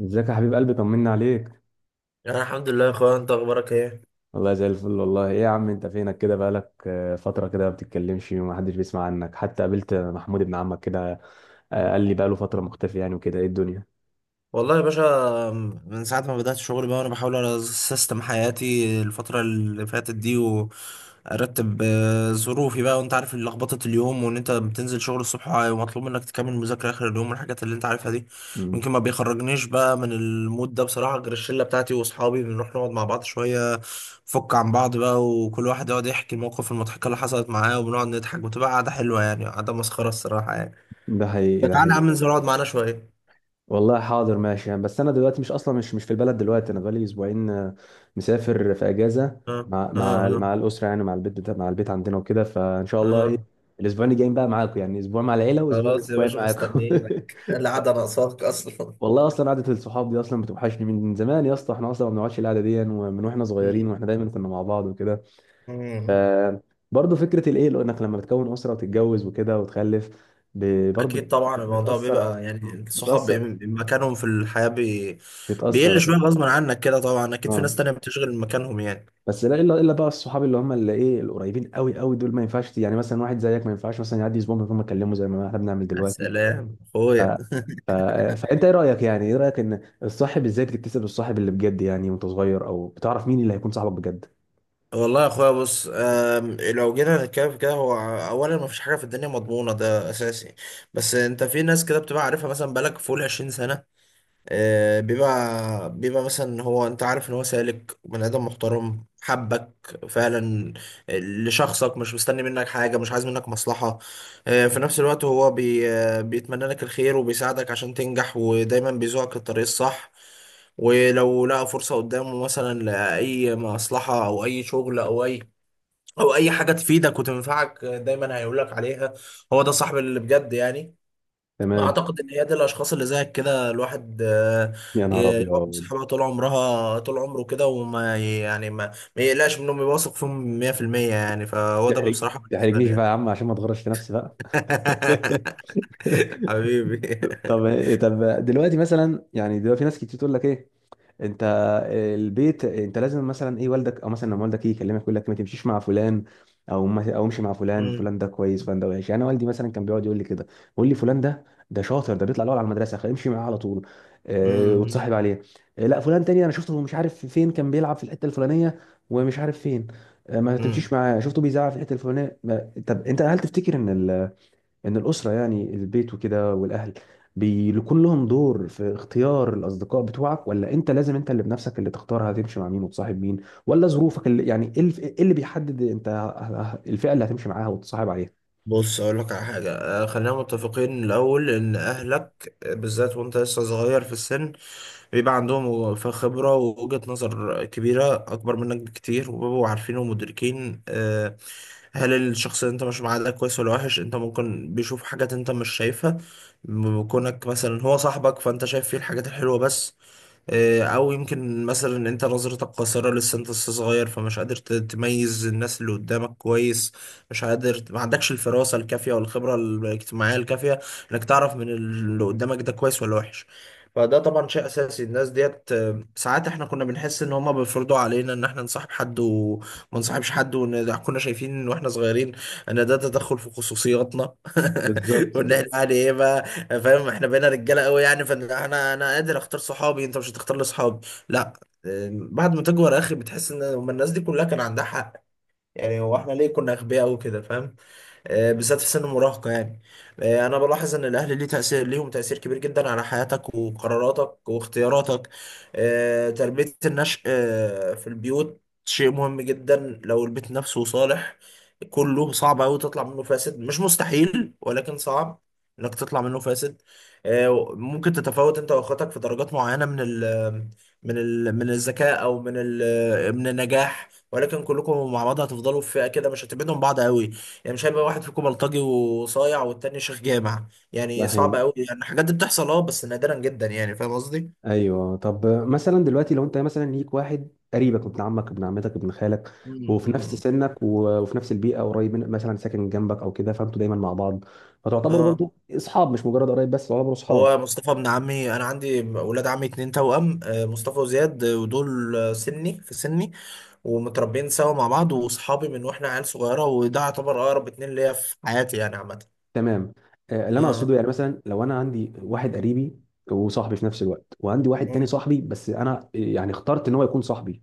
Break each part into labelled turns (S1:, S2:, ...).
S1: ازيك يا حبيب قلبي؟ طمنا عليك.
S2: انا الحمد لله يا اخويا، انت اخبارك ايه؟
S1: والله زي الفل. والله، ايه يا عم، انت فينك كده؟ بقالك فترة كده ما بتتكلمش ومحدش بيسمع عنك. حتى قابلت محمود ابن عمك كده، قال لي بقاله فترة مختفي، يعني وكده ايه الدنيا.
S2: والله يا باشا، من ساعه ما بدات شغل بقى وانا بحاول على سيستم حياتي الفتره اللي فاتت دي، وارتب ظروفي بقى. وانت عارف لخبطه اليوم، وان انت بتنزل شغل الصبح ومطلوب منك تكمل مذاكره اخر اليوم والحاجات اللي انت عارفها دي.
S1: مم.
S2: يمكن ما بيخرجنيش بقى من المود ده بصراحه غير الشله بتاعتي واصحابي، بنروح نقعد مع بعض شويه، نفك عن بعض بقى، وكل واحد يقعد يحكي المواقف المضحكه اللي حصلت معاه، وبنقعد نضحك وتبقى قعده حلوه يعني، قعده مسخره الصراحه يعني.
S1: ده حقيقي، ده
S2: تعالى يا
S1: حقيقي.
S2: عم، انزل اقعد معانا شوية.
S1: والله حاضر، ماشي يعني. بس انا دلوقتي مش اصلا، مش في البلد دلوقتي. انا بقالي اسبوعين، مسافر في اجازة
S2: اه،
S1: مع
S2: اه،
S1: مع
S2: اه،
S1: مع الاسرة، يعني مع البيت بتاع، مع البيت عندنا، وكده. فان شاء الله، ايه
S2: اه.
S1: الاسبوعين الجايين بقى معاكم. يعني اسبوع مع العيلة، واسبوع،
S2: خلاص يا
S1: اسبوعين
S2: باشا،
S1: معاكم.
S2: مستنيينك القعدة ناقصاك أصلا.
S1: والله اصلا قعده الصحاب دي اصلا بتوحشني من زمان يا اسطى. احنا اصلا ما بنقعدش القعده دي، ومن واحنا صغيرين
S2: مم.
S1: واحنا دايما كنا مع بعض وكده. ف،
S2: مم.
S1: برضه فكره الايه، لو انك لما بتكون اسره وتتجوز وكده وتخلف برضه
S2: أكيد طبعا، الموضوع
S1: بتاثر،
S2: بيبقى يعني الصحاب
S1: بتاثر،
S2: مكانهم في الحياة
S1: بتاثر
S2: بيقل
S1: طبعاً.
S2: شوية غصب عنك كده طبعا، أكيد في
S1: اه
S2: ناس تانية بتشغل مكانهم يعني.
S1: بس لا، الا بقى الصحاب اللي هم، اللي ايه، القريبين قوي قوي دول ما ينفعش. يعني مثلا واحد زيك، ما ينفعش مثلا يعدي اسبوع من غير ما اكلمه، زي ما احنا بنعمل
S2: يا
S1: دلوقتي.
S2: سلام
S1: ف...
S2: أخويا
S1: ف... فانت ايه رايك؟ يعني ايه رايك ان الصاحب ازاي بتكتسب الصاحب اللي بجد، يعني وانت صغير، او بتعرف مين اللي هيكون صاحبك بجد؟
S2: والله يا أخويا، بص، لو جينا نتكلم في كده، هو أولا مفيش حاجة في الدنيا مضمونة، ده أساسي. بس أنت في ناس كده بتبقى عارفها، مثلا بقالك فوق العشرين سنة، بيبقى مثلا هو، انت عارف ان هو سالك بني ادم محترم، حبك فعلا لشخصك، مش مستني منك حاجه، مش عايز منك مصلحه. في نفس الوقت هو بي آه، بيتمنى لك الخير وبيساعدك عشان تنجح، ودايما بيزوقك الطريق الصح. ولو لقى فرصه قدامه مثلا لاي مصلحه، او اي شغل، او اي حاجه تفيدك وتنفعك، دايما هيقولك عليها. هو ده صاحب اللي بجد يعني.
S1: تمام.
S2: اعتقد ان هي دي الاشخاص اللي زيك كده، الواحد
S1: يا نهار
S2: يقعد مع
S1: ابيض.
S2: صحابها طول عمرها، طول عمره كده، وما يعني ما يقلقش منهم، يواثق فيهم 100% يعني. فهو ده
S1: تحرج
S2: بصراحة بالنسبة
S1: تحرجنيش
S2: لي
S1: بقى
S2: يعني.
S1: يا عم، عشان ما تغرش في نفسي بقى.
S2: حبيبي.
S1: طب طب دلوقتي مثلا، يعني دلوقتي ناس كتير تقول لك ايه. انت، البيت، انت لازم مثلا ايه، والدك، او مثلا لما والدك يجي يكلمك يقول لك ما تمشيش مع فلان، او ما او امشي مع فلان.
S2: مم.
S1: فلان ده كويس، فلان ده وحش. يعني انا والدي مثلا كان بيقعد يقول لي كده، يقول لي فلان ده شاطر، ده بيطلع الاول على المدرسه، خلي امشي معاه على طول.
S2: مم.
S1: وتصاحب عليه. لا، فلان تاني انا شفته، مش عارف فين، كان بيلعب في الحته الفلانيه ومش عارف فين. ما تمشيش
S2: مم.
S1: معاه، شفته بيزعق في الحته الفلانيه. طب انت، هل تفتكر ان الاسره يعني البيت وكده والاهل بيكون لهم دور في اختيار الاصدقاء بتوعك؟ ولا انت لازم انت اللي بنفسك اللي تختار هتمشي مع مين وتصاحب مين؟ ولا ظروفك اللي يعني، ايه إيه اللي بيحدد انت الفئه اللي هتمشي معاها وتصاحب عليها؟
S2: بص اقول لك على حاجه، خلينا متفقين الاول ان اهلك، بالذات وانت لسه صغير في السن، بيبقى عندهم خبرة ووجهة نظر كبيرة، أكبر منك بكتير، وبيبقوا عارفين ومدركين، هل الشخص اللي أنت ماشي معاه ده كويس ولا وحش. أنت ممكن بيشوف حاجات أنت مش شايفها، كونك مثلا هو صاحبك فأنت شايف فيه الحاجات الحلوة بس. او يمكن مثلا ان انت نظرتك قاصره، لسه انت لسه صغير، فمش قادر تميز الناس اللي قدامك كويس، مش قادر، ما عندكش الفراسه الكافيه والخبره الاجتماعيه الكافيه انك تعرف من اللي قدامك ده كويس ولا وحش. فده طبعا شيء اساسي. الناس ديت، ساعات احنا كنا بنحس ان هما بيفرضوا علينا ان احنا نصاحب حد وما نصاحبش حد، وان كنا شايفين واحنا صغيرين ان ده تدخل في خصوصياتنا
S1: بالظبط.
S2: وان احنا يعني ايه بقى، يعني فاهم، احنا بقينا رجاله قوي يعني، فانا قادر اختار صحابي، انت مش هتختار لي صحابي، لا. بعد ما تكبر يا اخي، بتحس ان هما الناس دي كلها كان عندها حق. يعني هو احنا ليه كنا اغبياء قوي كده، فاهم؟ بالذات في سن المراهقة يعني. أنا بلاحظ إن الأهل ليه تأثير، ليهم تأثير كبير جدا على حياتك وقراراتك واختياراتك. تربية النشء، في البيوت شيء مهم جدا. لو البيت نفسه صالح كله، صعب أوي تطلع منه فاسد، مش مستحيل ولكن صعب إنك تطلع منه فاسد. ممكن تتفاوت أنت وأخواتك في درجات معينة من ال من ال من الذكاء، أو من النجاح، ولكن كلكم مع بعض هتفضلوا في فئة كده، مش هتبعدوا عن بعض أوي. يعني مش هيبقى واحد فيكم بلطجي وصايع والتاني شيخ جامع،
S1: ده
S2: يعني صعب
S1: حقيقي.
S2: قوي، يعني الحاجات دي بتحصل اه بس نادرا جدا، يعني فاهم قصدي؟
S1: ايوه. طب مثلا دلوقتي لو انت مثلا ليك واحد قريبك، ابن عمك، ابن عمتك، ابن خالك، وفي نفس
S2: مم.
S1: سنك، وفي نفس البيئه، قريب من، مثلا ساكن جنبك او كده، فانتوا دايما مع بعض، فتعتبروا
S2: اه.
S1: برضو اصحاب، مش مجرد قرايب بس، تعتبروا اصحاب.
S2: هو مصطفى ابن عمي، انا عندي ولاد عمي اتنين توأم، مصطفى وزياد، ودول سني في سني، ومتربيين سوا مع بعض، واصحابي من واحنا عيال صغيره، وده يعتبر اقرب اتنين ليا في حياتي يعني عامه.
S1: تمام. اللي انا
S2: اه.
S1: اقصده يعني مثلا لو انا عندي واحد قريبي وصاحبي في نفس الوقت، وعندي واحد تاني
S2: مم.
S1: صاحبي بس، انا يعني اخترت ان هو يكون صاحبي.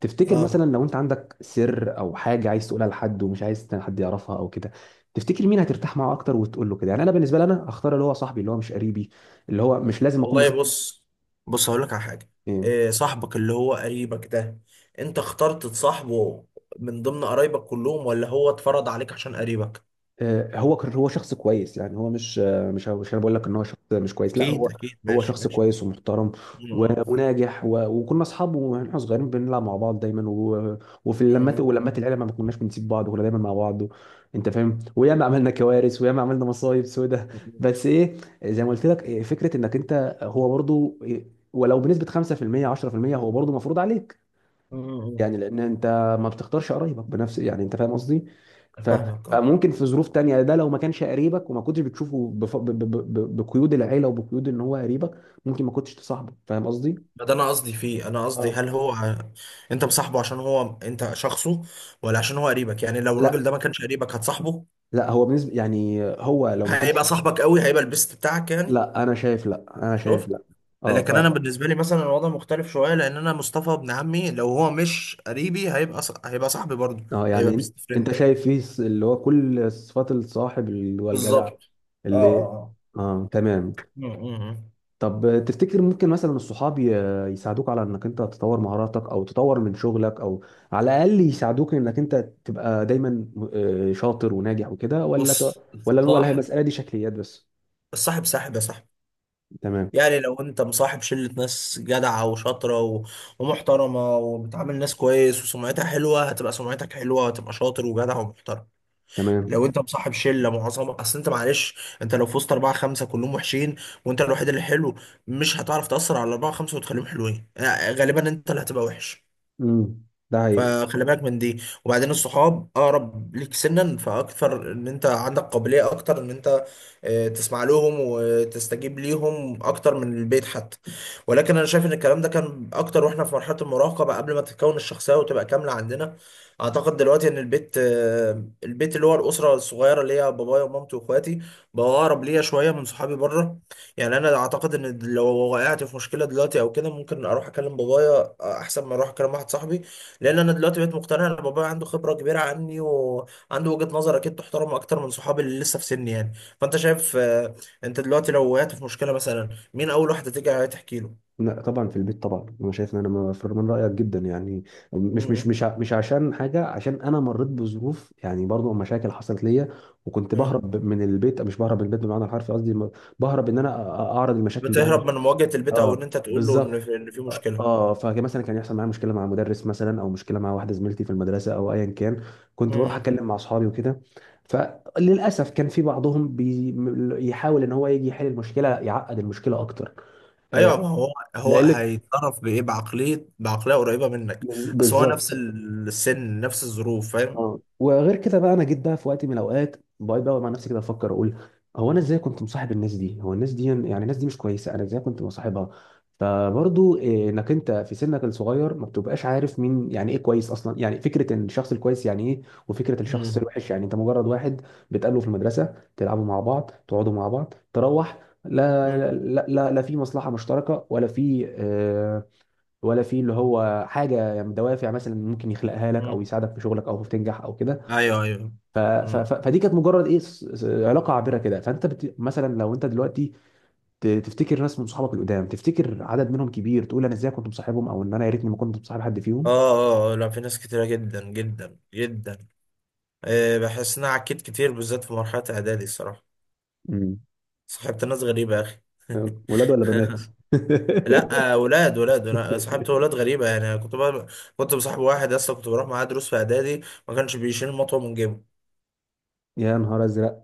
S1: تفتكر
S2: اه.
S1: مثلا لو انت عندك سر او حاجه عايز تقولها لحد ومش عايز حد يعرفها او كده، تفتكر مين هترتاح معاه اكتر وتقول له كده؟ يعني انا بالنسبه لي، انا هختار اللي هو صاحبي اللي هو مش قريبي، اللي هو مش لازم اكون
S2: والله
S1: بشوف
S2: بص، هقول لك على حاجه.
S1: إيه،
S2: إيه صاحبك اللي هو قريبك ده، انت اخترت تصاحبه من ضمن قرايبك كلهم، ولا هو اتفرض عليك عشان قريبك؟
S1: هو شخص كويس. يعني هو مش، مش انا بقول لك ان هو شخص مش كويس، لا،
S2: اكيد،
S1: هو
S2: اكيد،
S1: هو
S2: ماشي
S1: شخص
S2: ماشي.
S1: كويس ومحترم، و-
S2: م-
S1: وناجح، وكنا اصحاب واحنا صغيرين، بنلعب مع بعض دايما، وفي
S2: م-
S1: اللمات
S2: م-
S1: ولمات العيله ما كناش بنسيب بعض، وكنا دايما مع بعض. انت فاهم، وياما عملنا كوارث وياما عملنا مصايب سودة. بس ايه، زي ما قلت لك فكره انك انت هو برضو ولو بنسبه 5% 10% هو برضو مفروض عليك.
S2: م-
S1: يعني لان انت ما بتختارش قرايبك بنفس، يعني انت فاهم قصدي. ف-
S2: فاهمك اه.
S1: فممكن في ظروف تانية، ده لو ما كانش قريبك وما كنتش بتشوفه بف... ب... ب... ب... بقيود العيله وبقيود ان هو قريبك ممكن ما كنتش تصاحبه، فاهم قصدي.
S2: ما ده انا قصدي فيه، انا قصدي
S1: اه.
S2: هل هو انت مصاحبه عشان هو انت شخصه، ولا عشان هو قريبك؟ يعني لو
S1: لا،
S2: الراجل ده ما كانش قريبك، هتصاحبه؟
S1: لا، هو بالنسبه، يعني هو لو ما كانش.
S2: هيبقى صاحبك قوي، هيبقى البيست بتاعك يعني؟
S1: لا انا شايف
S2: شفت.
S1: لا. اه ف
S2: لكن انا بالنسبه لي مثلا الوضع مختلف شويه، لان انا مصطفى ابن عمي لو هو مش قريبي، هيبقى صاحبي برضه.
S1: اه
S2: هيبقى
S1: يعني
S2: بيست
S1: انت
S2: فريند.
S1: شايف فيه اللي هو كل صفات الصاحب اللي هو الجدع،
S2: بالظبط. اه
S1: اللي.
S2: اه.
S1: اه تمام.
S2: م- م- م.
S1: طب تفتكر ممكن مثلا الصحاب يساعدوك على انك انت تطور مهاراتك، او تطور من شغلك، او على الاقل يساعدوك انك انت تبقى دايما شاطر وناجح وكده، ولا تع...
S2: بص
S1: ولا ولا هي المسألة دي شكليات بس؟
S2: الصاحب ساحب يا صاحبي.
S1: تمام.
S2: يعني لو انت مصاحب شلة ناس جدعة وشاطرة ومحترمة وبتعامل ناس كويس وسمعتها حلوة، هتبقى سمعتك حلوة، وهتبقى شاطر وجدع ومحترم.
S1: تمام.
S2: لو انت مصاحب شله معظم اصل انت معلش، انت لو في وسط اربعه خمسه كلهم وحشين، وانت الوحيد اللي حلو، مش هتعرف تاثر على الاربعه خمسه وتخليهم حلوين، غالبا انت اللي هتبقى وحش.
S1: امم ده هي.
S2: فخلي بالك من دي. وبعدين الصحاب اقرب ليك سنا، فاكثر ان انت عندك قابلية اكتر ان انت تسمع لهم وتستجيب ليهم اكتر من البيت حتى. ولكن انا شايف ان الكلام ده كان اكتر واحنا في مرحلة المراهقة بقى، قبل ما تتكون الشخصية وتبقى كاملة عندنا. اعتقد دلوقتي ان البيت، البيت اللي هو الاسرة الصغيرة اللي هي بابايا ومامتي واخواتي، بقى اقرب ليا شوية من صحابي بره. يعني انا اعتقد ان لو وقعت في مشكلة دلوقتي او كده، ممكن اروح اكلم بابايا، احسن ما اروح اكلم واحد صاحبي، لان انا دلوقتي بقيت مقتنع ان بابايا عنده خبره كبيره عني، وعنده وجهه نظر اكيد تحترم اكتر من صحابي اللي لسه في سني يعني. فانت شايف، انت دلوقتي لو وقعت في مشكله مثلا، مين اول واحده تيجي تحكي له؟
S1: لا طبعا، في البيت طبعا، انا شايف ان انا مفر من رايك جدا يعني.
S2: مم.
S1: مش عشان حاجه، عشان انا مريت بظروف يعني برضو، مشاكل حصلت ليا وكنت
S2: مم.
S1: بهرب من البيت، مش بهرب من البيت بمعنى الحرفي، قصدي بهرب ان انا اعرض المشاكل دي عندي.
S2: بتهرب من مواجهه البيت، او
S1: اه
S2: ان انت تقول له ان
S1: بالظبط.
S2: في, إن في
S1: اه،
S2: مشكله.
S1: فكان مثلا كان يحصل معايا مشكله مع مدرس مثلا، او مشكله مع واحده زميلتي في المدرسه، او ايا كان، كنت بروح
S2: مم.
S1: اتكلم مع اصحابي وكده. فللاسف كان في بعضهم بيحاول ان هو يجي يحل المشكله يعقد المشكله اكتر. آه،
S2: ايوه ما هو، هو
S1: لقله.
S2: هيتصرف بايه؟ بعقليه، بعقليه قريبه منك، اصل هو نفس
S1: بالظبط.
S2: السن نفس الظروف، فاهم.
S1: اه، وغير كده بقى، انا جيت بقى في وقت من الاوقات بقعد بقى مع نفسي كده افكر، اقول هو انا ازاي كنت مصاحب الناس دي؟ هو الناس دي، يعني الناس دي مش كويسه، انا ازاي كنت مصاحبها؟ فبرضو انك انت في سنك الصغير ما بتبقاش عارف مين، يعني ايه كويس اصلا، يعني فكره ان الشخص الكويس يعني ايه، وفكره الشخص
S2: مم.
S1: الوحش، يعني انت مجرد واحد بتقابله في المدرسه، تلعبوا مع بعض، تقعدوا مع بعض، تروح.
S2: مم.
S1: لا، لا، لا، لا في مصلحه مشتركه، ولا في ولا في اللي هو حاجه، يعني دوافع مثلا ممكن يخلقها لك، او
S2: مم.
S1: يساعدك في شغلك، او في تنجح او كده.
S2: ايوه ايوه. مم.
S1: فدي كانت مجرد ايه، علاقه عابره كده. فانت مثلا لو انت دلوقتي تفتكر ناس من صحابك القدام؟ تفتكر عدد منهم كبير تقول انا ازاي كنت مصاحبهم؟ او ان انا يا ريتني ما كنت مصاحب حد فيهم.
S2: اه اه. لا في ناس كتيرة جدا جدا جدا. أه بحس ان انا عكيت كتير، بالذات في مرحلة اعدادي الصراحة.
S1: مم.
S2: صاحبت ناس غريبة يا اخي.
S1: ولاد ولا بنات؟
S2: لا ولاد، ولاد. انا صاحبت ولاد غريبة يعني. أنا كنت بقى كنت بصاحب واحد اصلا، كنت بروح معاه دروس في اعدادي، ما كانش بيشيل مطوة من جيبه.
S1: يا نهار ازرق.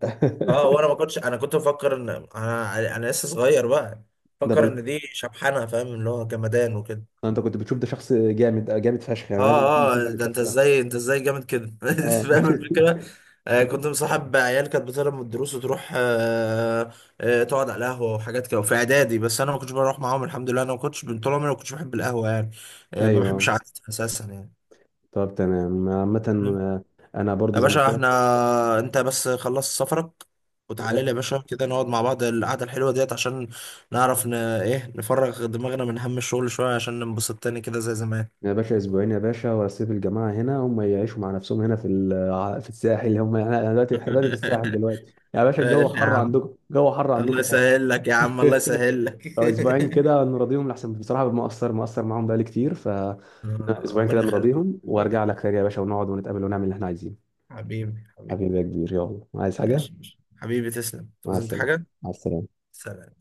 S2: اه. وانا ما كنتش، انا كنت بفكر ان انا لسه صغير بقى،
S1: ده
S2: فكر
S1: بلط.
S2: ان دي شبحانة فاهم، اللي هو جمدان وكده.
S1: انت كنت بتشوف ده شخص جامد، جامد فشخ، يعني لازم اكون
S2: اه
S1: مصاحب
S2: اه، ده انت
S1: الشخص ده.
S2: ازاي، انت ازاي جامد كده؟ أنت
S1: اه.
S2: فاهم الفكره. آه كنت مصاحب عيال كانت بتهرب من الدروس وتروح آه، آه تقعد على القهوه وحاجات كده، وفي اعدادي بس انا ما كنتش بروح معاهم، الحمد لله انا ما كنتش، من طول عمري ما كنتش بحب القهوه يعني، آه ما بحبش
S1: ايوه،
S2: قعدتها اساسا يعني.
S1: طب تمام عامة.
S2: مم.
S1: آه، أنا برضو
S2: يا
S1: زي ما قلت
S2: باشا
S1: لك.
S2: احنا، انت بس خلص سفرك وتعالى
S1: آه،
S2: لي يا باشا كده، نقعد مع بعض القعده الحلوه ديت، عشان نعرف ايه نفرغ دماغنا من هم الشغل شويه، عشان ننبسط تاني كده زي زمان.
S1: يا باشا أسبوعين يا باشا، وأسيب الجماعة هنا هم يعيشوا مع نفسهم هنا في الساحل. هم، أنا دلوقتي، إحنا دلوقتي في الساحل دلوقتي يا باشا. الجو
S2: يا
S1: حر
S2: عم،
S1: عندكم، الجو حر
S2: الله
S1: عندكم فشخ.
S2: يسهل لك يا عم، الله يسهل لك.
S1: فأسبوعين كده نراضيهم لأحسن، بصراحة مقصر، مقصر معاهم بقالي كتير. فأسبوعين كده
S2: ربنا يخليك،
S1: نراضيهم، وأرجع لك تاني يا باشا، ونقعد ونتقابل ونعمل اللي إحنا عايزينه.
S2: حبيبي، حبيبي.
S1: حبيبي يا كبير، يلا، عايز حاجة؟
S2: ماشي ماشي. حبيبي تسلم،
S1: مع
S2: تعوز انت
S1: السلامة.
S2: حاجة؟
S1: مع السلامة.
S2: سلام.